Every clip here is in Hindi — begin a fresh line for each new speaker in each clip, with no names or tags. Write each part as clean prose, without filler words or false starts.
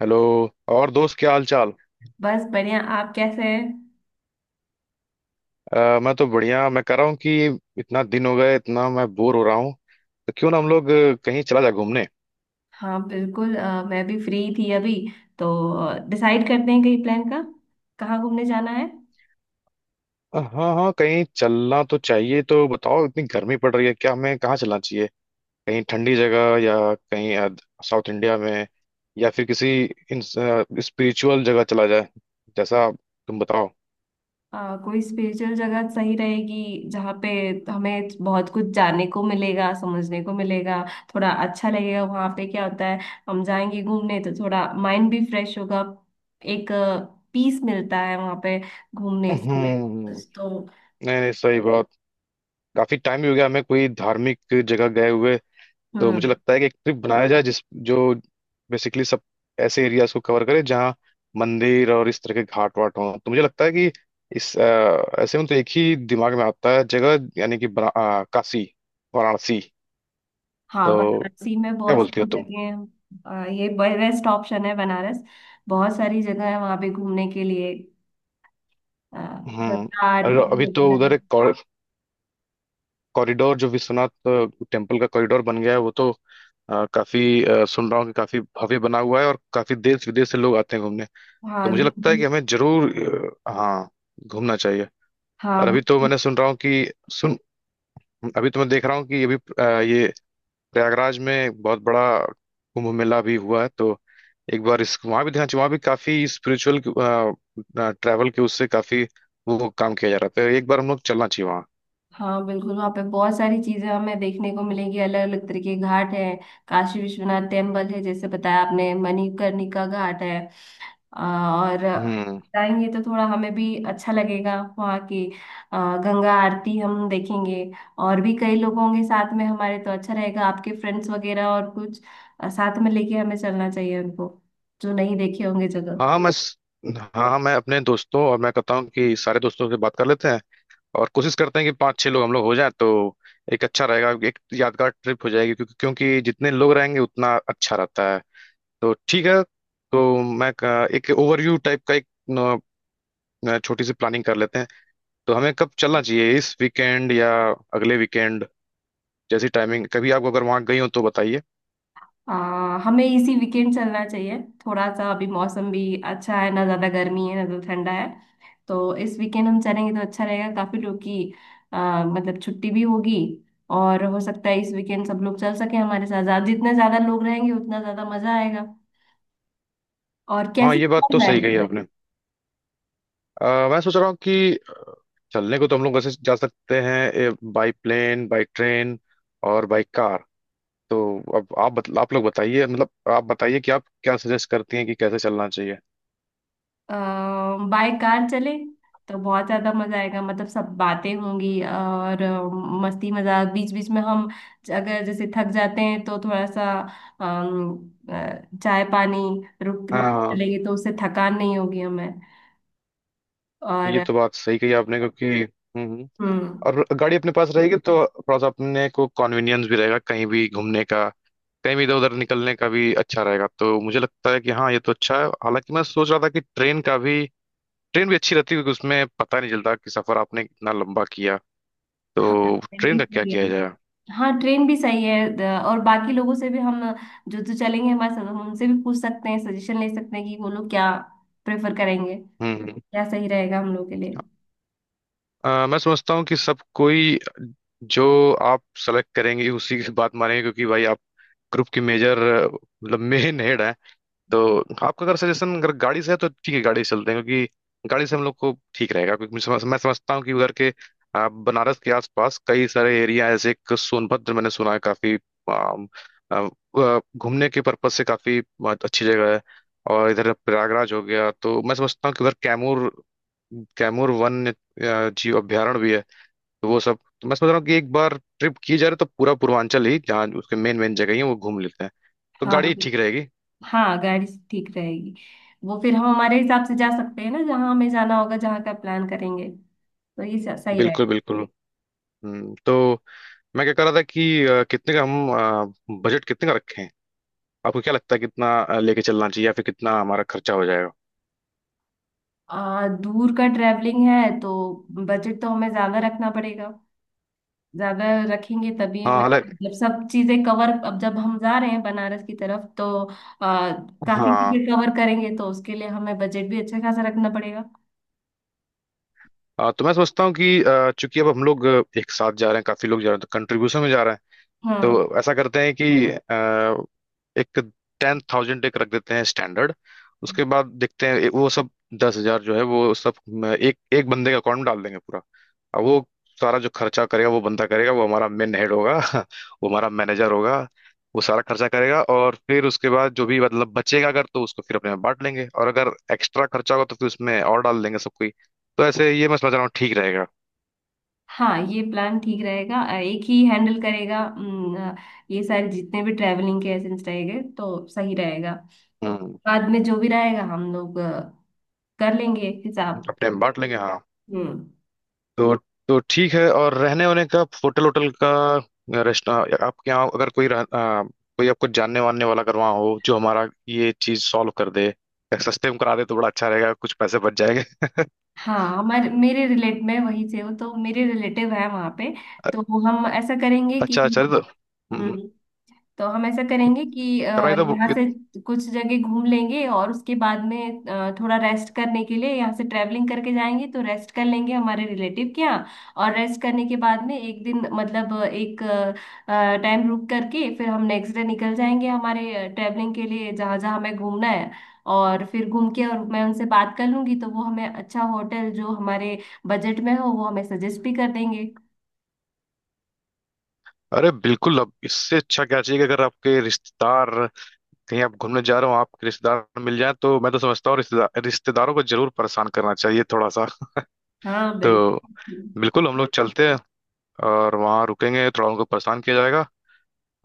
हेलो। और दोस्त, क्या हाल चाल?
बस बढ़िया। आप कैसे हैं?
मैं तो बढ़िया। मैं कह रहा हूँ कि इतना दिन हो गए, इतना मैं बोर हो रहा हूँ। तो क्यों ना हम लोग कहीं चला जाए घूमने।
हाँ बिल्कुल। मैं भी फ्री थी अभी तो डिसाइड करते हैं कहीं प्लान का। कहाँ घूमने जाना है?
हाँ हाँ, कहीं चलना तो चाहिए। तो बताओ, इतनी गर्मी पड़ रही है, क्या हमें कहाँ चलना चाहिए? कहीं ठंडी जगह, या कहीं साउथ इंडिया में, या फिर किसी स्पिरिचुअल जगह चला जाए, जैसा तुम बताओ।
कोई स्पेशल जगह सही रहेगी जहाँ पे हमें बहुत कुछ जानने को मिलेगा, समझने को मिलेगा। थोड़ा अच्छा लगेगा वहाँ पे क्या होता है। हम जाएंगे घूमने तो थोड़ा माइंड भी फ्रेश होगा। एक पीस मिलता है वहाँ पे घूमने से।
हम्म।
तो।
नहीं नहीं, सही बात। काफी टाइम भी हो गया हमें कोई धार्मिक जगह गए हुए। तो मुझे
हम्म।
लगता है कि एक ट्रिप बनाया जाए जिस जो बेसिकली सब ऐसे एरियाज को कवर करे जहाँ मंदिर और इस तरह के घाट वाट हों। तो मुझे लगता है कि ऐसे में तो एक ही दिमाग में आता है जगह, यानी कि काशी, वाराणसी।
हाँ,
तो
वाराणसी में
क्या
बहुत
बोलती हो
सारी
तुम?
जगह हैं। ये बेस्ट ऑप्शन है बनारस। बहुत सारी जगह है वहाँ पे घूमने के लिए। आ,
हम्म।
गंगा
और
आरती
अभी तो उधर
वगैरह।
एक कॉरिडोर, जो विश्वनाथ टेम्पल का कॉरिडोर बन गया है, वो तो सुन रहा हूँ कि काफी भव्य बना हुआ है, और काफी देश विदेश से लोग आते हैं घूमने। तो
हाँ।
मुझे लगता है कि हमें जरूर, हाँ, घूमना चाहिए।
हाँ
और अभी तो
बिल्कुल।
मैंने सुन रहा हूँ कि सुन अभी तो मैं देख रहा हूँ कि अभी ये प्रयागराज में बहुत बड़ा कुंभ मेला भी हुआ है। तो एक बार इस वहाँ भी ध्यान चाहिए। वहाँ भी काफी स्पिरिचुअल ट्रैवल के उससे काफी वो काम किया जा रहा था। एक बार हम लोग चलना चाहिए वहाँ।
हाँ बिल्कुल, वहाँ पे बहुत सारी चीजें हमें देखने को मिलेंगी। अलग अलग तरह के घाट हैं। काशी विश्वनाथ टेम्पल है जैसे बताया आपने, मणिकर्णिका घाट है। और
हम्म।
जाएंगे तो थोड़ा हमें भी अच्छा लगेगा वहाँ की। गंगा आरती हम देखेंगे। और भी कई लोग होंगे साथ में हमारे तो अच्छा रहेगा। आपके फ्रेंड्स वगैरह और कुछ साथ में लेके हमें चलना चाहिए उनको, जो नहीं देखे होंगे जगह।
हाँ हाँ, हाँ हाँ, मैं कहता हूँ कि सारे दोस्तों से बात कर लेते हैं, और कोशिश करते हैं कि पाँच छः लोग हम लोग हो जाएं। तो एक अच्छा रहेगा एक यादगार ट्रिप हो जाएगी, क्योंकि क्योंकि जितने लोग रहेंगे उतना अच्छा रहता है। तो ठीक है। तो एक ओवरव्यू टाइप का एक न, न, छोटी सी प्लानिंग कर लेते हैं। तो हमें कब चलना चाहिए, इस वीकेंड या अगले वीकेंड? जैसी टाइमिंग, कभी आप अगर वहां गई हो तो बताइए।
हमें इसी वीकेंड चलना चाहिए। थोड़ा सा अभी मौसम भी अच्छा है, ना ज्यादा गर्मी है ना ज्यादा ठंडा है। तो इस वीकेंड हम चलेंगे तो अच्छा रहेगा, काफी लोग की मतलब छुट्टी भी होगी। और हो सकता है इस वीकेंड सब लोग चल सके हमारे साथ। जितने ज्यादा लोग रहेंगे उतना ज्यादा मजा आएगा। और
हाँ,
कैसे
ये बात
चला
तो सही कही
जाएगा?
आपने। मैं सोच रहा हूँ कि चलने को तो हम लोग वैसे जा सकते हैं, बाई प्लेन, बाई ट्रेन, और बाई कार। तो अब आप लोग बताइए, मतलब आप बताइए कि आप क्या सजेस्ट करती हैं कि कैसे चलना चाहिए।
बाय कार चले तो बहुत ज्यादा मजा आएगा। मतलब सब बातें होंगी, और मस्ती मजाक बीच बीच में हम, अगर जैसे थक जाते हैं तो थोड़ा सा अम, चाय पानी रुक रुक
हाँ,
लेंगे तो उससे थकान नहीं होगी हमें।
ये
और
तो बात सही कही आपने, क्योंकि हम्म।
हम्म।
और गाड़ी अपने पास रहेगी तो थोड़ा सा अपने को कन्वीनियंस भी रहेगा कहीं भी घूमने का, कहीं भी इधर उधर निकलने का भी अच्छा रहेगा। तो मुझे लगता है कि हाँ, ये तो अच्छा है, हालांकि मैं सोच रहा था कि ट्रेन भी अच्छी रहती है, क्योंकि उसमें पता नहीं चलता कि सफर आपने कितना लंबा किया।
हाँ,
तो
ट्रेन
ट्रेन
भी
का क्या
सही
किया
है।
जाए?
हाँ, ट्रेन भी सही है। और बाकी लोगों से भी हम, जो जो चलेंगे हमारे साथ, हम उनसे भी पूछ सकते हैं, सजेशन ले सकते हैं कि वो लोग क्या प्रेफर करेंगे,
हम्म,
क्या सही रहेगा हम लोग के लिए।
मैं समझता हूँ कि सब कोई जो आप सेलेक्ट करेंगे उसी की बात मानेंगे, क्योंकि भाई आप ग्रुप की मेजर, मतलब मेन हेड। तो आपका अगर सजेशन अगर गाड़ी से है तो ठीक है, गाड़ी से चलते हैं, क्योंकि गाड़ी से हम लोग को ठीक रहेगा। क्योंकि मैं समझता हूँ कि उधर के बनारस के आसपास कई सारे एरिया है, जैसे एक सोनभद्र मैंने सुना है काफी आम, आ, घूमने के पर्पज से काफी बहुत अच्छी जगह है। और इधर प्रयागराज हो गया। तो मैं समझता हूँ कि उधर कैमूर कैमूर वन जीव अभयारण्य भी है। तो वो सब तो मैं समझ रहा हूँ कि एक बार ट्रिप की जा रही है तो पूरा पूर्वांचल ही, जहाँ उसके मेन मेन जगह ही हैं, वो घूम लेते हैं। तो
हाँ।
गाड़ी ठीक रहेगी।
हाँ, गाड़ी से ठीक रहेगी। वो फिर हम हमारे हिसाब से जा सकते हैं ना, जहाँ हमें जाना होगा जहाँ का प्लान करेंगे। तो ये सही रहेगा।
बिल्कुल, बिल्कुल। तो मैं क्या कह रहा था कि अ, कितने का हम अ, बजट कितने का रखें? आपको क्या लगता है कितना लेके चलना चाहिए, या फिर कितना हमारा खर्चा हो जाएगा?
दूर का ट्रैवलिंग है तो बजट तो हमें ज्यादा रखना पड़ेगा। ज्यादा रखेंगे तभी
हाँ,
हमें,
हालांकि।
जब सब चीजें कवर, अब जब हम जा रहे हैं बनारस की तरफ तो आ, काफी
हाँ,
चीजें कवर करेंगे तो उसके लिए हमें बजट भी अच्छा खासा रखना पड़ेगा।
तो मैं सोचता हूँ कि चूंकि अब हम लोग एक साथ जा रहे हैं, काफी लोग जा रहे हैं तो कंट्रीब्यूशन में जा रहे हैं।
हाँ।
तो ऐसा करते हैं कि एक 10,000 एक रख देते हैं स्टैंडर्ड। उसके बाद देखते हैं, वो सब 10,000 जो है वो सब एक एक बंदे के अकाउंट में डाल देंगे पूरा। अब वो सारा जो खर्चा करेगा वो बंदा करेगा, वो हमारा मेन हेड होगा। वो हमारा मैनेजर होगा। वो सारा खर्चा करेगा, और फिर उसके बाद जो भी मतलब बचेगा, अगर, तो उसको फिर अपने में बांट लेंगे, और अगर एक्स्ट्रा खर्चा होगा तो फिर उसमें और डाल देंगे सब कोई। तो ऐसे ये मैं समझ रहा हूँ ठीक रहेगा।
हाँ ये प्लान ठीक रहेगा। एक ही हैंडल करेगा ये सारे जितने भी ट्रैवलिंग के एसेंस रहेंगे तो सही रहेगा।
हम्म।
बाद में जो भी रहेगा हम लोग कर लेंगे हिसाब।
अपने में बांट लेंगे, हाँ।
हम्म।
तो तो ठीक है, और रहने वहने का, होटल होटल का, रेस्टोरेंट, आपके यहाँ अगर कोई कोई आपको जानने वानने वाला अगर वहाँ हो जो हमारा ये चीज सॉल्व कर दे या सस्ते में करा दे तो बड़ा अच्छा रहेगा, कुछ पैसे बच जाएंगे।
हाँ हमारे, मेरे रिलेट में वहीं से हो तो मेरे रिलेटिव है वहाँ पे। तो हम ऐसा करेंगे कि।
अच्छा, अच्छा। तो
हम्म। तो हम ऐसा करेंगे कि
कराइए। तो
यहाँ से कुछ जगह घूम लेंगे और उसके बाद में थोड़ा रेस्ट करने के लिए यहाँ से ट्रैवलिंग करके जाएंगे तो रेस्ट कर लेंगे हमारे रिलेटिव के यहाँ। और रेस्ट करने के बाद में एक दिन मतलब एक टाइम रुक करके फिर हम नेक्स्ट डे निकल जाएंगे हमारे ट्रैवलिंग के लिए, जहाँ जहाँ हमें घूमना है। और फिर घूम के, और मैं उनसे बात कर लूंगी तो वो हमें अच्छा होटल, जो हमारे बजट में हो, वो हमें सजेस्ट भी कर देंगे।
अरे बिल्कुल, अब इससे अच्छा क्या चाहिए कि अगर आपके रिश्तेदार, कहीं आप घूमने जा रहे हो आपके रिश्तेदार मिल जाए, तो मैं तो समझता हूँ रिश्तेदारों को जरूर परेशान करना चाहिए, थोड़ा सा।
हाँ
तो
बिल्कुल।
बिल्कुल, हम लोग चलते हैं और वहाँ रुकेंगे, थोड़ा उनको परेशान किया जाएगा।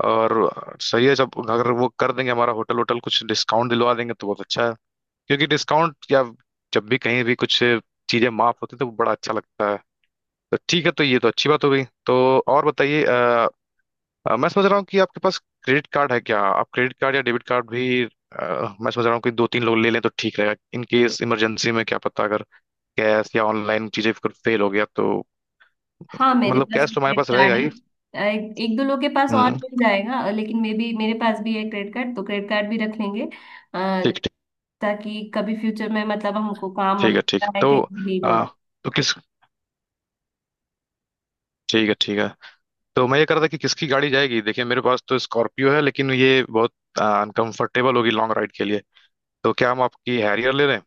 और सही है, जब अगर वो कर देंगे हमारा होटल होटल, कुछ डिस्काउंट दिलवा देंगे तो बहुत अच्छा है। क्योंकि डिस्काउंट, या जब भी कहीं भी कुछ चीजें माफ होती तो वो बड़ा अच्छा लगता है। तो ठीक है, तो ये तो अच्छी बात हो गई। तो और बताइए। मैं समझ रहा हूँ कि आपके पास क्रेडिट कार्ड है? क्या आप क्रेडिट कार्ड या डेबिट कार्ड भी, मैं समझ रहा हूँ कि दो तीन लोग ले लें तो ठीक रहेगा, इन केस इमरजेंसी में क्या पता, अगर कैश या ऑनलाइन चीजें अगर फेल हो गया तो।
हाँ, मेरे
मतलब
पास
कैश तो हमारे
क्रेडिट
पास
कार्ड
रहेगा
है।
ही।
एक दो लोग के पास और
हम्म।
मिल जाएगा। लेकिन मे भी, मेरे पास भी है क्रेडिट कार्ड, तो क्रेडिट कार्ड भी रख लेंगे। अ,
ठीक, ठीक।
ताकि कभी फ्यूचर में मतलब हमको काम
ठीक है, ठीक है।
लगता है
तो
कहीं भी नीड हो।
अ, तो किस ठीक है, ठीक है। तो मैं ये कर रहा था कि किसकी गाड़ी जाएगी। देखिए, मेरे पास तो स्कॉर्पियो है, लेकिन ये बहुत अनकंफर्टेबल होगी लॉन्ग राइड के लिए। तो क्या हम आपकी हैरियर ले लें?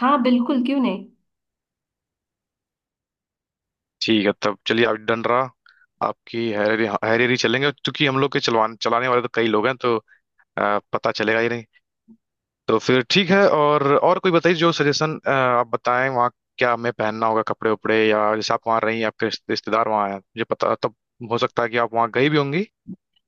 हाँ बिल्कुल, क्यों नहीं।
ठीक है, तब चलिए, आप डन रहा। आपकी हैरियर, हैरियर ही चलेंगे, क्योंकि हम लोग के चलवान चलाने वाले तो कई लोग हैं, तो पता चलेगा ही नहीं। तो फिर ठीक है, और कोई बताइए जो सजेशन आप बताएं, वहाँ क्या हमें पहनना होगा, कपड़े उपड़े, या जैसे आप वहाँ रही, आपके रिश्तेदार वहाँ हैं, मुझे पता, तब हो सकता है कि आप वहाँ गई भी होंगी।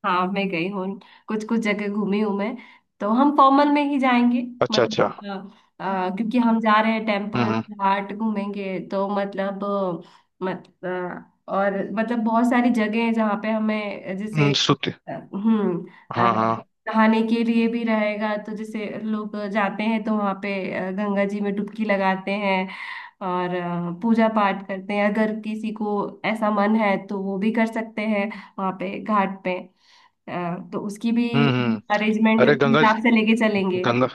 हाँ, मैं गई हूँ। कुछ कुछ जगह घूमी हूँ मैं। तो हम फॉर्मल में ही जाएंगे।
अच्छा, अच्छा।
मतलब क्योंकि हम जा रहे हैं
हम्म,
टेम्पल
हम्म।
घाट घूमेंगे तो मतलब अ, मत अ, और मतलब बहुत सारी जगह है जहाँ पे हमें जैसे
सूती।
हम्म। अ,
हाँ, हाँ।
नहाने के लिए भी रहेगा तो जैसे लोग जाते हैं तो वहाँ पे गंगा जी में डुबकी लगाते हैं। और पूजा पाठ करते हैं, अगर किसी को ऐसा मन है तो वो भी कर सकते हैं वहाँ पे घाट पे। तो उसकी भी
हम्म, हम्म।
अरेंजमेंट
अरे, गंगा,
हिसाब से लेके चलेंगे।
गंगा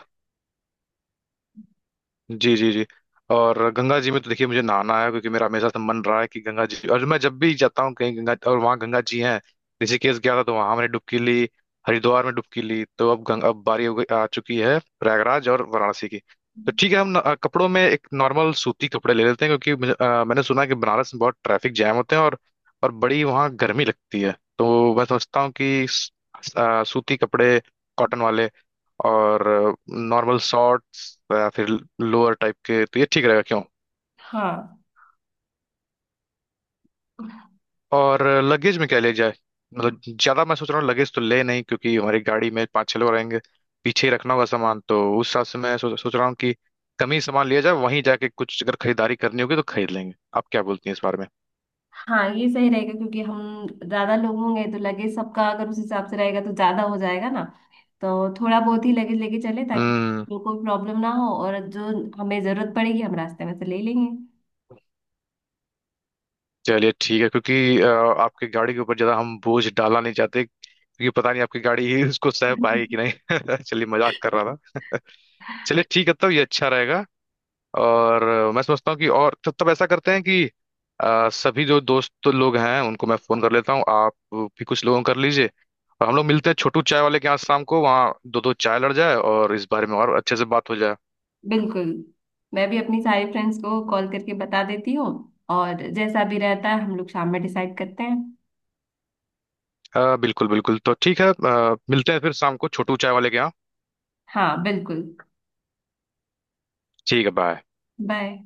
जी, जी, जी। और गंगा जी में तो देखिए, मुझे नहाना है, क्योंकि मेरा हमेशा से मन रहा है कि गंगा जी, और मैं जब भी जाता हूँ कहीं गंगा, और वहाँ गंगा जी हैं। ऋषिकेश गया था, तो वहाँ हमने डुबकी ली। हरिद्वार में डुबकी ली। तो अब बारी हो गई आ चुकी है प्रयागराज और वाराणसी की। तो ठीक है, हम न, अ, कपड़ों में एक नॉर्मल सूती कपड़े ले लेते हैं, क्योंकि मैंने सुना है कि बनारस में बहुत ट्रैफिक जैम होते हैं, और बड़ी वहाँ गर्मी लगती है। तो मैं सोचता हूँ कि सूती कपड़े, कॉटन वाले, और नॉर्मल शॉर्ट्स या फिर लोअर टाइप के, तो ये ठीक रहेगा, क्यों?
हाँ।
और लगेज में क्या ले जाए, मतलब ज्यादा मैं सोच रहा हूँ लगेज तो ले नहीं क्योंकि हमारी गाड़ी में पाँच छह लोग रहेंगे, पीछे ही रखना होगा सामान, तो उस हिसाब से मैं सोच सोच रहा हूँ कि कम ही सामान लिया जाए, वहीं जाके कुछ अगर खरीदारी करनी होगी तो खरीद लेंगे। आप क्या बोलती हैं इस बारे में?
हाँ ये सही रहेगा, क्योंकि हम ज्यादा लोग होंगे तो लगेज सबका अगर उस हिसाब से रहेगा तो ज्यादा हो जाएगा ना। तो थोड़ा बहुत ही लगेज लेके चले, ताकि
हम्म।
लोगों को प्रॉब्लम ना हो, और जो हमें जरूरत पड़ेगी हम रास्ते में से ले लेंगे।
चलिए ठीक है, क्योंकि आपकी गाड़ी के ऊपर ज्यादा हम बोझ डालना नहीं चाहते, क्योंकि पता नहीं आपकी गाड़ी ही उसको सह पाएगी कि नहीं। चलिए, मजाक कर रहा था। चलिए ठीक है, तब ये अच्छा रहेगा। और मैं समझता हूँ कि और तब तब ऐसा करते हैं कि सभी जो दोस्त लोग हैं उनको मैं फोन कर लेता हूँ, आप भी कुछ लोगों को कर लीजिए, और हम लोग मिलते हैं छोटू चाय वाले के यहाँ शाम को, वहाँ दो दो चाय लड़ जाए और इस बारे में और अच्छे से बात हो जाए।
बिल्कुल। मैं भी अपनी सारी फ्रेंड्स को कॉल करके बता देती हूँ, और जैसा भी रहता है हम लोग शाम में डिसाइड करते हैं।
हाँ, बिल्कुल, बिल्कुल। तो ठीक है, मिलते हैं फिर शाम को छोटू चाय वाले के यहाँ।
हाँ बिल्कुल।
ठीक है, बाय।
बाय।